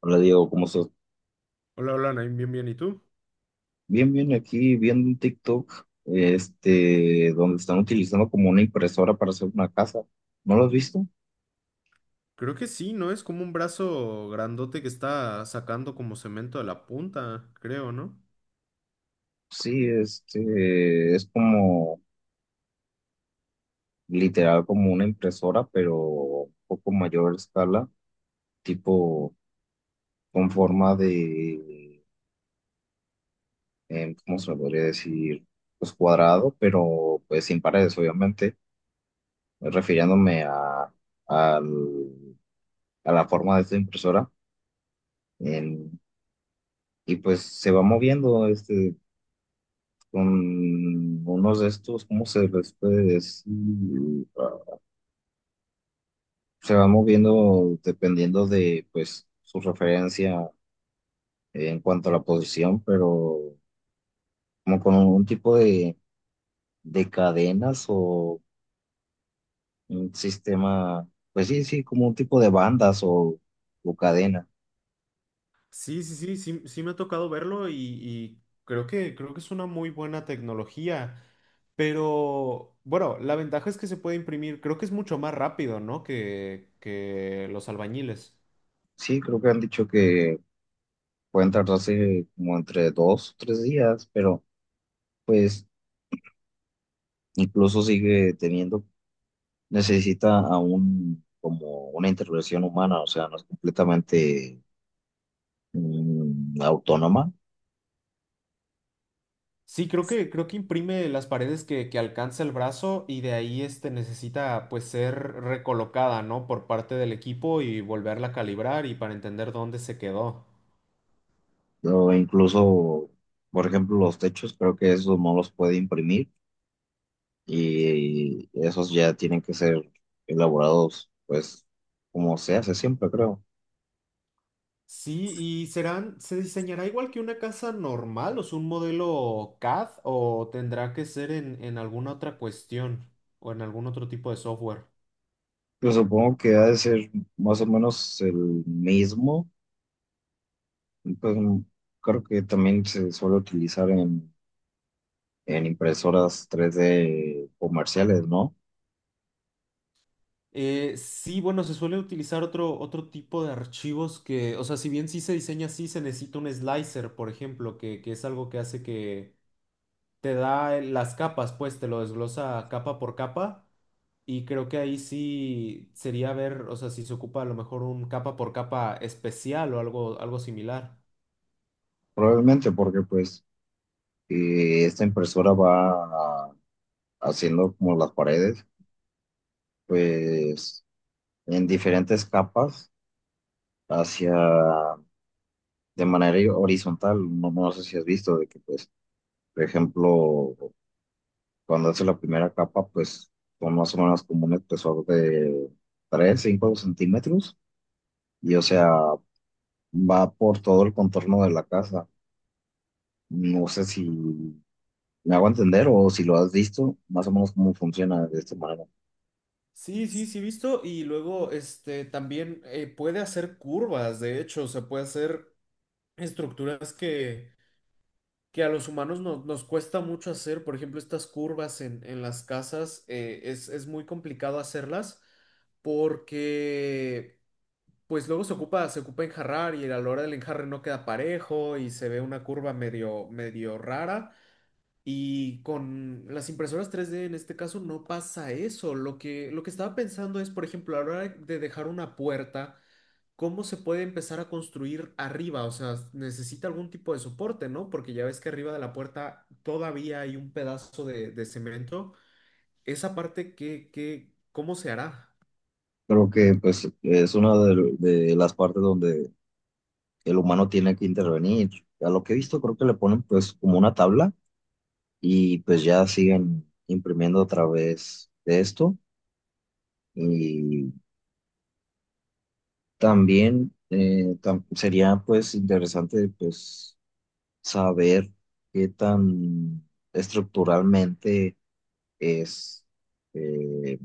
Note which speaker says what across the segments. Speaker 1: Hola Diego, ¿cómo estás?
Speaker 2: Hola, hola, Naim, bien, bien, ¿y tú?
Speaker 1: Bien, bien, aquí viendo un TikTok, este, donde están utilizando como una impresora para hacer una casa. ¿No lo has visto?
Speaker 2: Creo que sí, ¿no? Es como un brazo grandote que está sacando como cemento de la punta, creo, ¿no?
Speaker 1: Sí, este, es como literal como una impresora, pero un poco mayor escala, tipo con forma de, ¿cómo se lo podría decir? Pues cuadrado, pero pues sin paredes, obviamente, refiriéndome a, al- a la forma de esta impresora. Y pues se va moviendo este con unos de estos, ¿cómo se les puede decir? Ah, Se va moviendo dependiendo de pues su referencia en cuanto a la posición, pero como con un tipo de cadenas o un sistema, pues sí, sí, como un tipo de bandas o cadena.
Speaker 2: Sí, sí, sí, sí, sí me ha tocado verlo y creo que es una muy buena tecnología, pero bueno, la ventaja es que se puede imprimir, creo que es mucho más rápido, ¿no? Que los albañiles.
Speaker 1: Sí, creo que han dicho que pueden tardarse como entre dos o tres días, pero pues incluso sigue teniendo necesita aún como una intervención humana, o sea, no es completamente autónoma,
Speaker 2: Sí, creo que imprime las paredes que alcanza el brazo y de ahí necesita pues ser recolocada, ¿no? Por parte del equipo y volverla a calibrar y para entender dónde se quedó.
Speaker 1: o incluso, por ejemplo, los techos, creo que esos no los puede imprimir y esos ya tienen que ser elaborados, pues, como se hace siempre, creo.
Speaker 2: Sí, y serán, ¿se diseñará igual que una casa normal, o sea, un modelo CAD, o tendrá que ser en, alguna otra cuestión o en algún otro tipo de software?
Speaker 1: Pues supongo que ha de ser más o menos el mismo, pues creo que también se suele utilizar en impresoras tres d comerciales, ¿no?
Speaker 2: Sí, bueno, se suele utilizar otro tipo de archivos que, o sea, si bien sí se diseña así, se necesita un slicer, por ejemplo, que es algo que hace que te da las capas, pues te lo desglosa capa por capa. Y creo que ahí sí sería ver, o sea, si se ocupa a lo mejor un capa por capa especial o algo similar.
Speaker 1: Probablemente porque pues esta impresora va a- haciendo como las paredes, pues en diferentes capas hacia de manera horizontal. No, no sé si has visto de que pues, por ejemplo, cuando hace la primera capa, pues son más o menos como un espesor de 3, 5 centímetros y o sea, va por todo el contorno de la casa. No sé si me hago entender o si lo has visto, más o menos cómo funciona de esta manera.
Speaker 2: Sí, sí, sí, visto. Y luego, también puede hacer curvas, de hecho, o sea, puede hacer estructuras que a los humanos nos cuesta mucho hacer, por ejemplo, estas curvas en, las casas, es muy complicado hacerlas porque pues luego se ocupa enjarrar y a la hora del enjarre no queda parejo y se ve una curva medio, medio rara. Y con las impresoras 3D en este caso no pasa eso. Lo que estaba pensando es, por ejemplo, a la hora de dejar una puerta. ¿Cómo se puede empezar a construir arriba? O sea, necesita algún tipo de soporte, ¿no? Porque ya ves que arriba de la puerta todavía hay un pedazo de cemento. Esa parte, ¿ cómo se hará?
Speaker 1: Creo que pues es una de las partes donde el humano tiene que intervenir. A lo que he visto, creo que le ponen pues como una tabla y pues ya siguen imprimiendo a través de esto. Y también sería pues interesante pues saber qué tan estructuralmente es eh,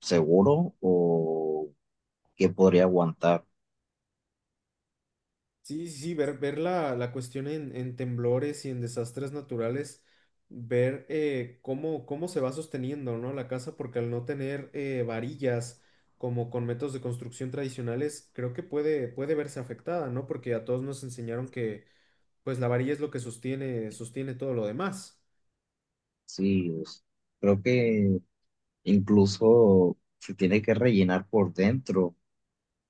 Speaker 1: seguro o qué podría aguantar.
Speaker 2: Sí, sí, sí, ver la, cuestión en temblores y en desastres naturales, ver cómo se va sosteniendo, ¿no? La casa, porque al no tener varillas como con métodos de construcción tradicionales, creo que puede verse afectada, ¿no? Porque a todos nos enseñaron que pues la varilla es lo que sostiene todo lo demás.
Speaker 1: Sí, es- creo que incluso se tiene que rellenar por dentro,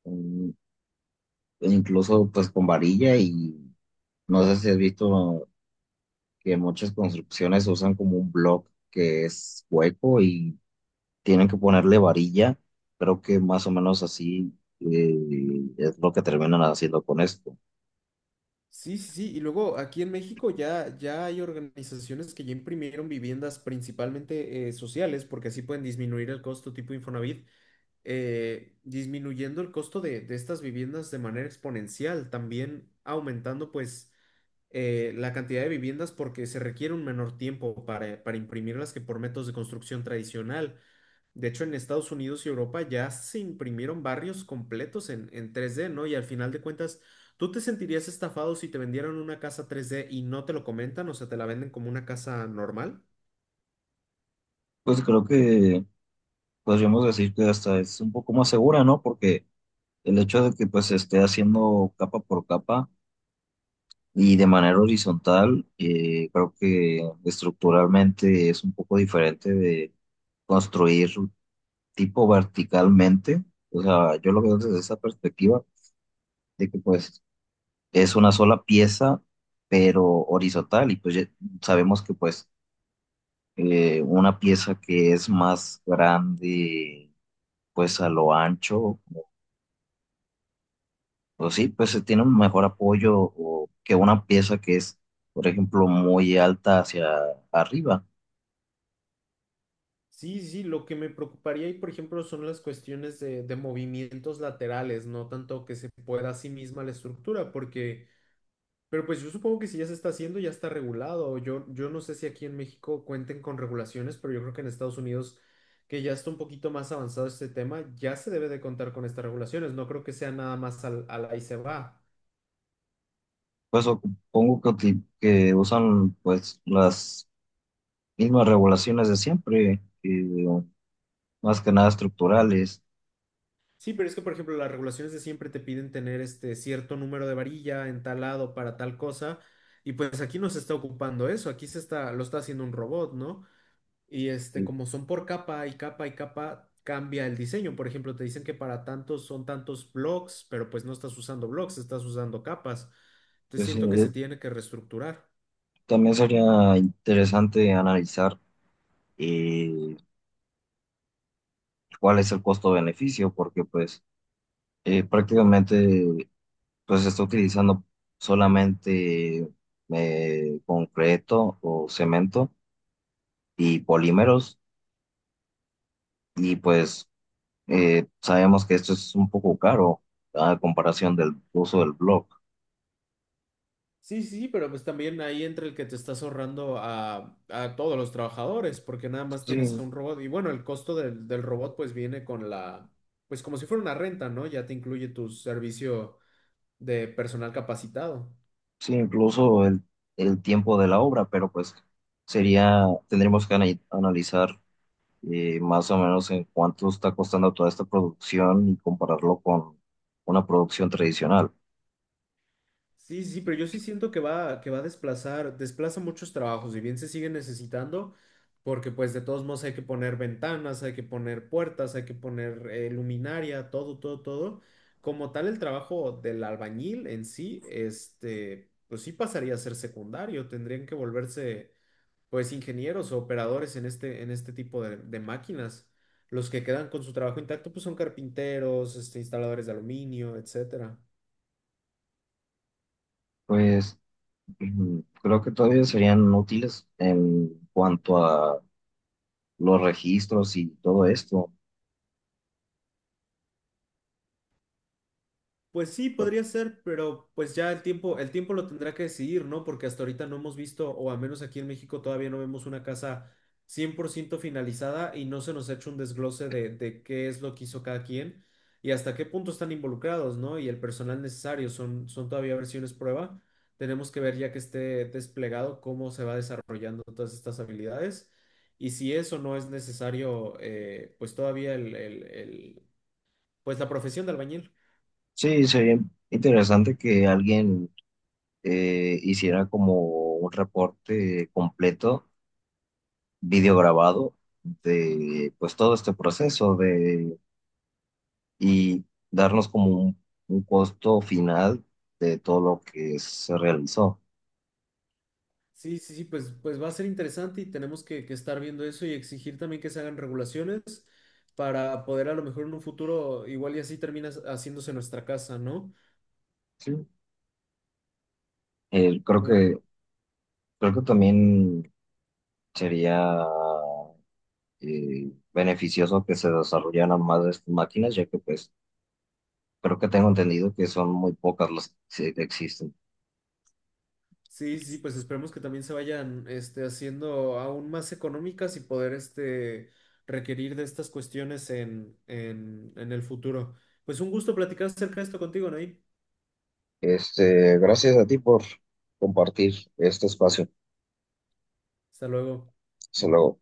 Speaker 1: mm, incluso pues con varilla y no sé si has visto que muchas construcciones usan como un block que es hueco y tienen que ponerle varilla, creo que más o menos así eh, es lo que terminan haciendo con esto.
Speaker 2: Sí, sí, sí. Y luego aquí en México ya hay organizaciones que ya imprimieron viviendas principalmente sociales, porque así pueden disminuir el costo tipo Infonavit, disminuyendo el costo de estas viviendas de manera exponencial, también aumentando pues la cantidad de viviendas porque se requiere un menor tiempo para, imprimirlas que por métodos de construcción tradicional. De hecho, en Estados Unidos y Europa ya se imprimieron barrios completos en 3D, ¿no? Y al final de cuentas, ¿tú te sentirías estafado si te vendieran una casa 3D y no te lo comentan? O sea, te la venden como una casa normal.
Speaker 1: Pues creo que podríamos decir que hasta es un poco más segura, ¿no? Porque el hecho de que pues se esté haciendo capa por capa y de manera horizontal, creo que estructuralmente es un poco diferente de construir tipo verticalmente. O sea, yo lo veo desde esa perspectiva de que pues es una sola pieza, pero horizontal. Y pues ya sabemos que pues una pieza que es más grande pues a lo ancho, pues sí, pues se tiene un mejor apoyo o que una pieza que es, por ejemplo, muy alta hacia arriba.
Speaker 2: Sí, sí, lo que me preocuparía ahí, por ejemplo, son las cuestiones de movimientos laterales, no tanto que se pueda a sí misma la estructura, porque pero pues yo supongo que si ya se está haciendo, ya está regulado. Yo no sé si aquí en México cuenten con regulaciones, pero yo creo que en Estados Unidos, que ya está un poquito más avanzado este tema, ya se debe de contar con estas regulaciones. No creo que sea nada más al, ahí se va.
Speaker 1: Pues supongo que, que usan pues las mismas regulaciones de siempre, más que nada estructurales.
Speaker 2: Sí, pero es que, por ejemplo, las regulaciones de siempre te piden tener este cierto número de varilla en tal lado para tal cosa. Y pues aquí no se está ocupando eso. Aquí lo está haciendo un robot, ¿no? Y
Speaker 1: Y,
Speaker 2: como son por capa y capa y capa, cambia el diseño. Por ejemplo, te dicen que para tantos son tantos blocks, pero pues no estás usando blocks, estás usando capas. Entonces
Speaker 1: pues, sí,
Speaker 2: siento que se tiene que reestructurar.
Speaker 1: también sería interesante analizar eh, cuál es el costo-beneficio, porque pues prácticamente pues se está utilizando solamente concreto o cemento y polímeros y pues sabemos que esto es un poco caro a comparación del uso del blog.
Speaker 2: Sí, sí, pero pues también ahí entra el que te estás ahorrando a todos los trabajadores, porque nada más
Speaker 1: Sí,
Speaker 2: tienes a un robot. Y bueno, el costo del robot pues viene con pues como si fuera una renta, ¿no? Ya te incluye tu servicio de personal capacitado.
Speaker 1: sí, incluso el tiempo de la obra, pero pues sería, tendríamos que analizar más o menos en cuánto está costando toda esta producción y compararlo con una producción tradicional.
Speaker 2: Sí, sí, sí, pero yo sí siento que va a desplazar, desplaza muchos trabajos, y bien se sigue necesitando, porque pues de todos modos hay que poner ventanas, hay que poner puertas, hay que poner luminaria, todo, todo, todo. Como tal, el trabajo del albañil en sí, pues sí pasaría a ser secundario, tendrían que volverse pues ingenieros o operadores en este tipo de máquinas. Los que quedan con su trabajo intacto, pues son carpinteros, instaladores de aluminio, etcétera.
Speaker 1: Pues creo que todavía serían útiles en cuanto a los registros y todo esto.
Speaker 2: Pues sí, podría ser, pero pues ya el tiempo lo tendrá que decidir, ¿no? Porque hasta ahorita no hemos visto, o al menos aquí en México todavía no vemos una casa 100% finalizada y no se nos ha hecho un desglose de qué es lo que hizo cada quien y hasta qué punto están involucrados, ¿no? Y el personal necesario, son todavía versiones prueba. Tenemos que ver ya que esté desplegado cómo se va desarrollando todas estas habilidades y si eso no es necesario, pues todavía pues la profesión de albañil.
Speaker 1: Sí, sería interesante que alguien hiciera como un reporte completo, video grabado de pues todo este proceso de y darnos como un costo final de todo lo que se realizó.
Speaker 2: Sí, sí, sí, pues va a ser interesante y tenemos que estar viendo eso y exigir también que se hagan regulaciones para poder a lo mejor en un futuro, igual y así termina haciéndose nuestra casa, ¿no?
Speaker 1: Sí. Eh, creo
Speaker 2: Un,
Speaker 1: que creo que también sería beneficioso que se desarrollaran más de estas máquinas, ya que pues creo que tengo entendido que son muy pocas las que existen.
Speaker 2: sí, sí, pues esperemos que también se vayan haciendo aún más económicas y poder requerir de estas cuestiones en, el futuro. Pues un gusto platicar acerca de esto contigo, Nair.
Speaker 1: Este, gracias a ti por compartir este espacio.
Speaker 2: Hasta luego.
Speaker 1: Hasta luego.